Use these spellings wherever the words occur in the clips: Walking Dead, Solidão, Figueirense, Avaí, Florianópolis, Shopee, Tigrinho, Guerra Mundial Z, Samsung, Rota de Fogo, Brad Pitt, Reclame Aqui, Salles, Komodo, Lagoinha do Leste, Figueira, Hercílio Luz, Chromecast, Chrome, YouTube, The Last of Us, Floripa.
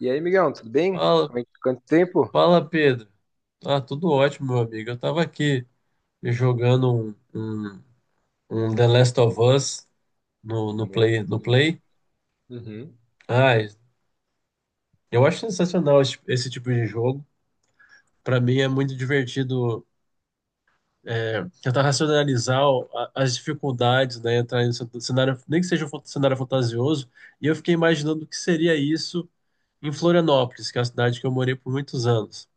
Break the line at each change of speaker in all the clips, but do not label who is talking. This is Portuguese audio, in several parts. E aí, Miguel, tudo bem?
Fala,
Quanto tempo?
fala, Pedro. Ah, tudo ótimo, meu amigo. Eu tava aqui jogando um The Last of Us no, no
Bom,
Play,
muito
no
bom.
Play.
Uhum.
Ah, eu acho sensacional esse tipo de jogo. Pra mim é muito divertido é, tentar racionalizar as dificuldades, né? Entrar em um cenário, nem que seja um cenário fantasioso. E eu fiquei imaginando o que seria isso em Florianópolis, que é a cidade que eu morei por muitos anos,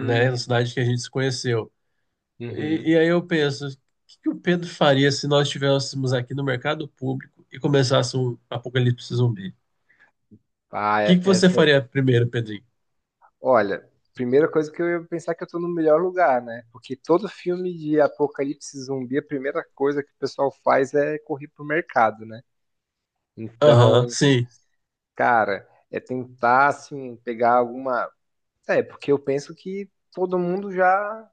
né? A cidade que a gente se conheceu. E,
uhum.
e aí eu penso, o que que o Pedro faria se nós estivéssemos aqui no mercado público e começasse um apocalipse zumbi? O
Ah,
que que você
essa é...
faria primeiro, Pedrinho?
Olha, primeira coisa que eu ia pensar que eu tô no melhor lugar, né? Porque todo filme de apocalipse zumbi, a primeira coisa que o pessoal faz é correr pro mercado, né?
Aham,
Então,
sim,
cara, é tentar, assim, pegar alguma... É, porque eu penso que todo mundo já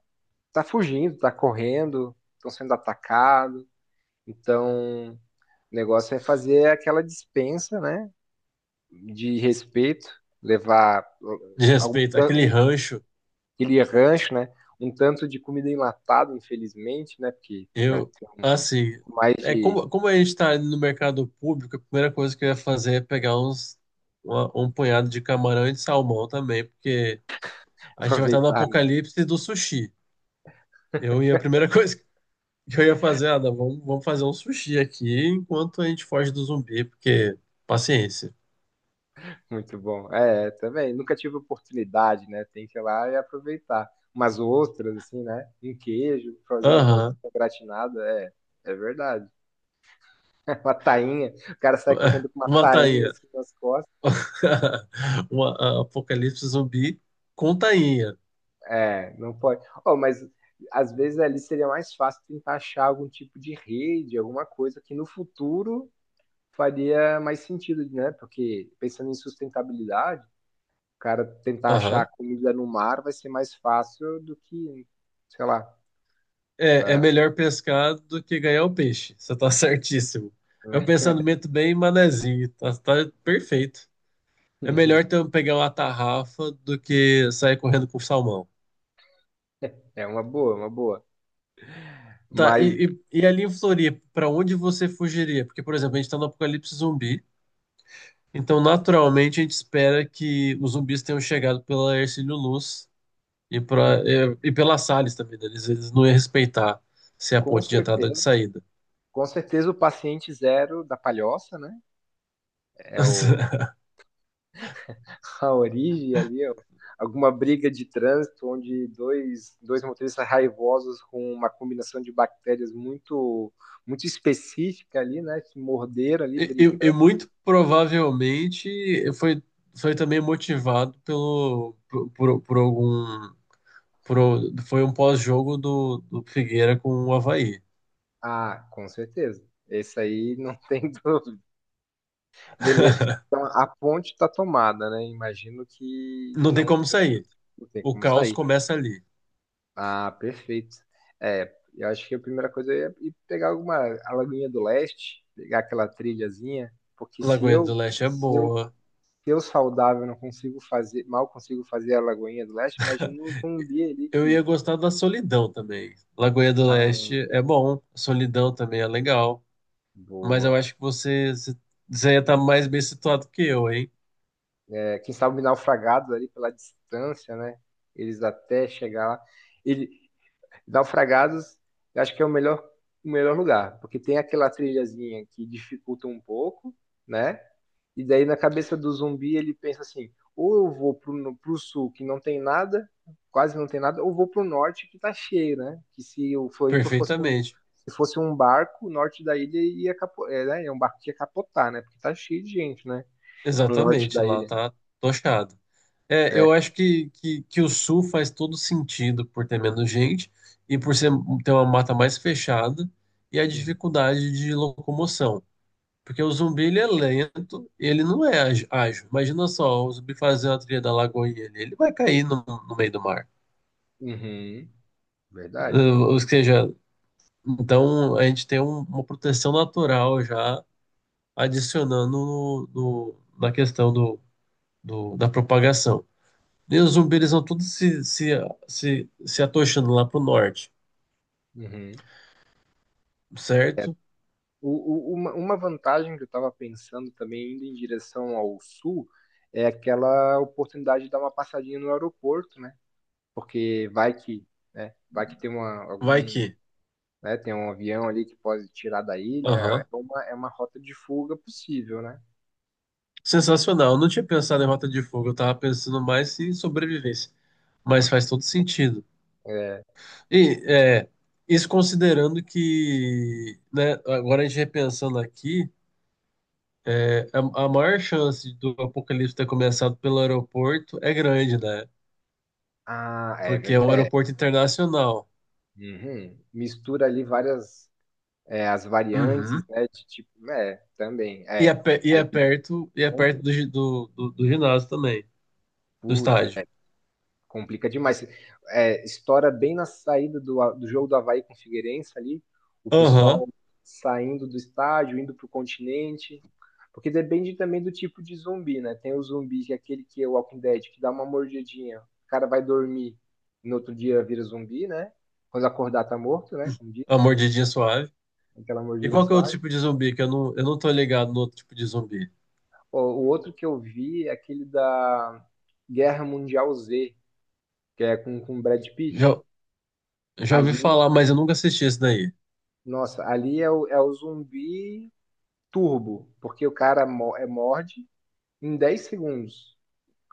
tá fugindo, tá correndo, estão sendo atacados. Então... O negócio é fazer aquela dispensa, né? De respeito, levar
de
algum,
respeito, aquele rancho,
aquele rancho, né? Um tanto de comida enlatada, infelizmente, né? Porque para
eu,
ter um
assim,
pouco mais
é
de
como, como a gente está no mercado público, a primeira coisa que eu ia fazer é pegar um punhado de camarão e de salmão também, porque a gente vai estar no
aproveitar, né?
apocalipse do sushi. Eu ia, a primeira coisa eu ia fazer, Adam, vamos fazer um sushi aqui enquanto a gente foge do zumbi, porque paciência.
Muito bom. É, também. Nunca tive oportunidade, né? Tem que ir lá e aproveitar. Umas ostras, assim, né? Um queijo, fazer uma
Aham.
ostra gratinada, é, é verdade. Uma tainha. O cara sai correndo com uma
Uma
tainha
tainha.
assim nas costas.
Uma, apocalipse zumbi com tainha.
É, não pode. Oh, mas às vezes ali seria mais fácil tentar achar algum tipo de rede, alguma coisa que no futuro faria mais sentido, né? Porque pensando em sustentabilidade, o cara tentar achar
Aham.
comida no mar vai ser mais fácil do que, sei lá.
É, é
É,
melhor pescar do que ganhar o peixe. Você tá certíssimo. É um pensamento bem manezinho. Tá perfeito. É melhor então pegar uma tarrafa do que sair correndo com salmão.
é uma boa, uma boa.
Tá,
Mas
e ali em Floripa, pra onde você fugiria? Porque, por exemplo, a gente tá no apocalipse zumbi. Então, naturalmente, a gente espera que os zumbis tenham chegado pela Hercílio Luz e, pela Salles também, né? Eles não iam respeitar se é a
com
ponte de entrada ou de
certeza,
saída.
com certeza o paciente zero da palhoça, né? É o a origem ali, ó, alguma briga de trânsito onde dois motoristas raivosos com uma combinação de bactérias muito muito específica ali, né, que morderam ali
E
brigando.
muito provavelmente foi, foi também motivado por algum. Foi um pós-jogo do, do Figueira com o Avaí.
Ah, com certeza. Esse aí não tem dúvida. Beleza. Então, a ponte está tomada, né? Imagino que
Não tem
não
como
tem,
sair.
não tem
O
como
caos
sair.
começa ali.
Ah, perfeito. É, eu acho que a primeira coisa é ir pegar alguma a Lagoinha do Leste, pegar aquela trilhazinha, porque
Lagoinha do Leste é
se eu,
boa.
se eu saudável não consigo fazer, mal consigo fazer a Lagoinha do Leste, imagina um zumbi ali
Eu
que,
ia gostar da Solidão também. Lagoinha do
ah,
Leste é bom, Solidão também é legal, mas eu
boa.
acho que você ia estar mais bem situado que eu, hein?
É, quem sabe naufragados ali pela distância, né? Eles até chegar lá. Ele, Naufragados, eu acho que é o melhor lugar, porque tem aquela trilhazinha que dificulta um pouco, né? E daí na cabeça do zumbi ele pensa assim: ou eu vou pro, pro sul que não tem nada, quase não tem nada, ou vou pro norte que tá cheio, né? Que se o Floripa
Perfeitamente.
se fosse um barco, o norte da ilha ia capo, é, né? É um barco que ia capotar, né? Porque tá cheio de gente, né? No norte
Exatamente,
da
lá
ilha.
tá tochado. É, eu
É.
acho que o Sul faz todo sentido por ter menos gente e por ser, ter uma mata mais fechada e a
Uhum.
dificuldade de locomoção. Porque o zumbi ele é lento, ele não é ágil. Imagina só, o zumbi fazer uma trilha da lagoa e ele vai cair no meio do mar.
Uhum. Verdade.
Ou seja, então a gente tem uma proteção natural já adicionando na questão da propagação. E os zumbis eles vão todos se atochando lá pro norte,
Uhum.
certo?
Uma vantagem que eu estava pensando também, indo em direção ao sul, é aquela oportunidade de dar uma passadinha no aeroporto, né? Porque vai que, né, vai que tem uma,
Vai
algum,
que.
né, tem um avião ali que pode tirar da ilha, é
Aham.
uma, é uma rota de fuga possível, né?
Sensacional. Eu não tinha pensado em Rota de Fogo, eu tava pensando mais em sobrevivência. Mas faz todo sentido.
É,
E é, isso considerando que, né, agora a gente repensando aqui, é, a maior chance do apocalipse ter começado pelo aeroporto é grande, né?
ah, é
Porque é um
verdade.
aeroporto internacional.
Uhum. Mistura ali várias, é, as variantes,
Uhum.
né, de tipo, é, também,
E é,
é,
e
aí,
é perto, e é perto do, do ginásio também, do
putz,
estádio.
complica demais. É, estoura bem na saída do jogo do Avaí com o Figueirense ali. O
Aham.
pessoal saindo do estádio, indo para o continente. Porque depende também do tipo de zumbi, né? Tem o zumbi, que é aquele que é o Walking Dead, que dá uma mordidinha. O cara vai dormir, no outro dia vira zumbi, né? Quando acordar tá morto, né? Como diz,
A mordidinha suave.
aquela
E
mordidinha do
qual que é o outro
Soares.
tipo de zumbi? Que eu não tô ligado no outro tipo de zumbi.
O outro que eu vi é aquele da Guerra Mundial Z, que é com Brad Pitt.
Já, já ouvi
Ali
falar, mas eu nunca assisti esse daí.
Nossa, ali é o, zumbi turbo, porque o cara é morde em 10 segundos.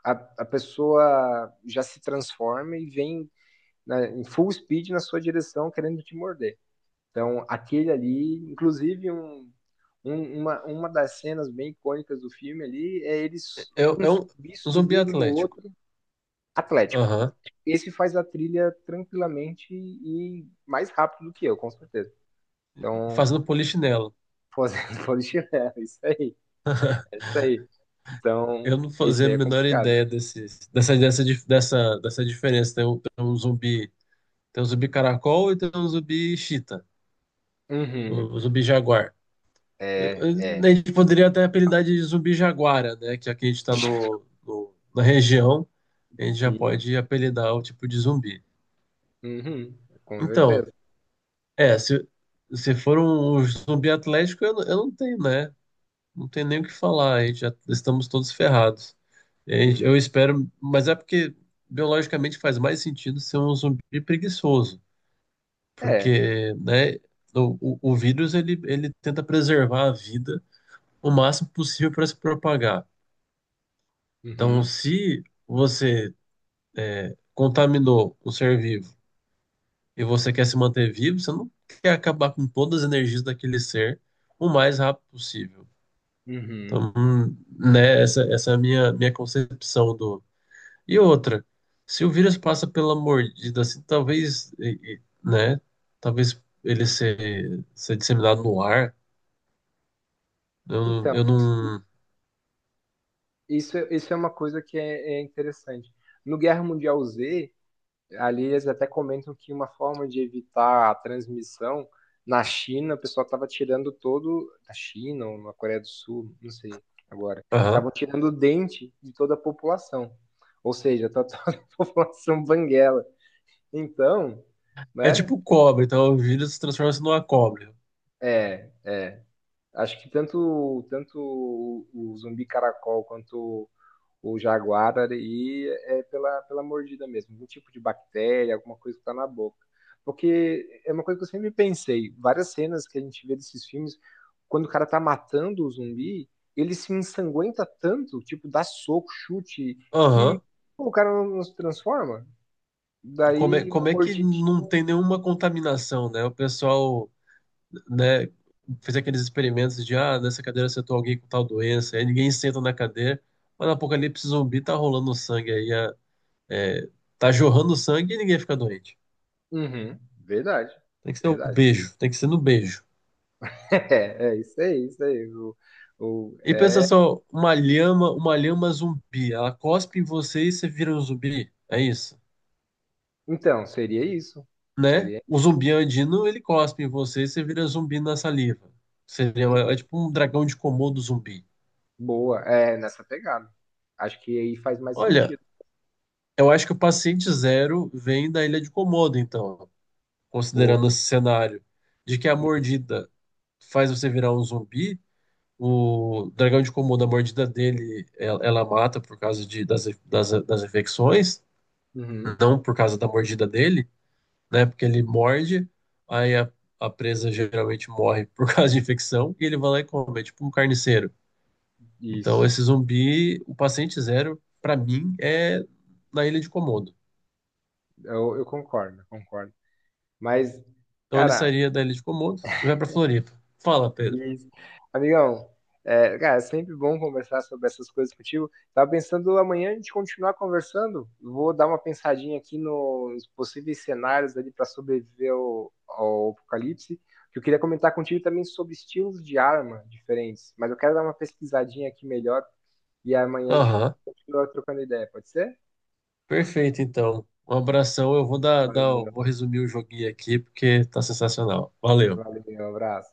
A, a pessoa já se transforma e vem em full speed na sua direção querendo te morder. Então, aquele ali, inclusive uma das cenas bem icônicas do filme ali é eles
É,
um
é um,
zumbi
um zumbi
subindo no
atlético.
outro, Atlético.
Aham.
Atlético. Esse faz a trilha tranquilamente e mais rápido do que eu, com certeza. Então,
Fazendo polichinelo.
fazendo polichinelo, isso aí, é isso aí. Então,
Eu não
isso
fazia a
aí é
menor
complicado.
ideia desse, dessa, dessa, dif- dessa, dessa diferença. Tem um zumbi caracol e tem um zumbi chita,
Uhum.
o zumbi jaguar.
É, é.
A gente poderia até apelidar de zumbi jaguara, né? Que aqui a gente está na região, a gente já
Sim.
pode apelidar o tipo de zumbi.
Uhum. Com
Então,
certeza.
é, se for um zumbi atlético, eu não tenho, né? Não tem nem o que falar, a gente já estamos todos ferrados. É,
Uhum.
eu espero, mas é porque biologicamente faz mais sentido ser um zumbi preguiçoso,
É.
porque, né, o vírus ele tenta preservar a vida o máximo possível para se propagar. Então,
Uhum.
se você contaminou um ser vivo e você quer se manter vivo, você não quer acabar com todas as energias daquele ser o mais rápido possível.
Uhum.
Então, né, essa é a minha concepção. E outra, se o vírus passa pela mordida, assim, talvez, né? Talvez ele ser disseminado no ar.
Então,
Eu não.
isso, isso é uma coisa que é interessante. No Guerra Mundial Z, ali eles até comentam que uma forma de evitar a transmissão na China, o pessoal estava tirando todo. Na China ou na Coreia do Sul, não sei agora.
Aham.
Estavam tirando o dente de toda a população. Ou seja, tá toda a população banguela. Então,
É
né?
tipo cobra, então o vírus se transforma-se numa cobra.
É, é. Acho que tanto o zumbi caracol quanto o Jaguar e é pela mordida mesmo, algum tipo de bactéria, alguma coisa que tá na boca. Porque é uma coisa que eu sempre pensei, várias cenas que a gente vê desses filmes, quando o cara tá matando o zumbi, ele se ensanguenta tanto, tipo, dá soco, chute, que
Aham.
pô, o cara não se transforma. Daí, uma
Como é que
mordidinha.
não tem nenhuma contaminação, né? O pessoal, né, fez aqueles experimentos de, ah, nessa cadeira sentou alguém com tal doença, aí ninguém senta na cadeira, mas no apocalipse zumbi tá rolando sangue aí, é, tá jorrando sangue e ninguém fica doente.
Uhum, verdade,
Tem que ser o
verdade.
beijo, tem que ser no beijo.
É isso aí, isso aí. O,
E pensa
é...
só, uma lhama zumbi, ela cospe em você e você vira um zumbi, é isso,
Então, seria isso.
né?
Seria.
O zumbi andino, ele cospe em você e você vira zumbi na saliva. Seria é
Hum.
tipo um dragão de Komodo zumbi.
Boa, é nessa pegada. Acho que aí faz mais
Olha,
sentido.
eu acho que o paciente zero vem da ilha de Komodo, então,
Boa.
considerando esse cenário de que a mordida faz você virar um zumbi. O dragão de Komodo, a mordida dele, ela mata por causa das infecções,
Uhum,
não por causa da mordida dele, né? Porque ele morde, aí a, a presa geralmente morre por causa de infecção, e ele vai lá e come, é tipo um carniceiro. Então, esse
isso.
zumbi, o paciente zero, pra mim, é na Ilha de Komodo.
Eu concordo, concordo. Mas,
Então, ele
cara.
sairia da Ilha de Komodo e vai pra Floripa. Fala, Pedro.
Isso. Amigão, é, cara, é sempre bom conversar sobre essas coisas contigo. Tava pensando amanhã a gente continuar conversando. Vou dar uma pensadinha aqui nos possíveis cenários ali para sobreviver ao apocalipse. Que eu queria comentar contigo também sobre estilos de arma diferentes, mas eu quero dar uma pesquisadinha aqui melhor e amanhã a gente
Aham,
continua trocando ideia, pode ser?
perfeito, então. Um abração, eu vou
Valeu,
vou resumir o joguinho aqui, porque tá sensacional. Valeu.
valeu, um abraço.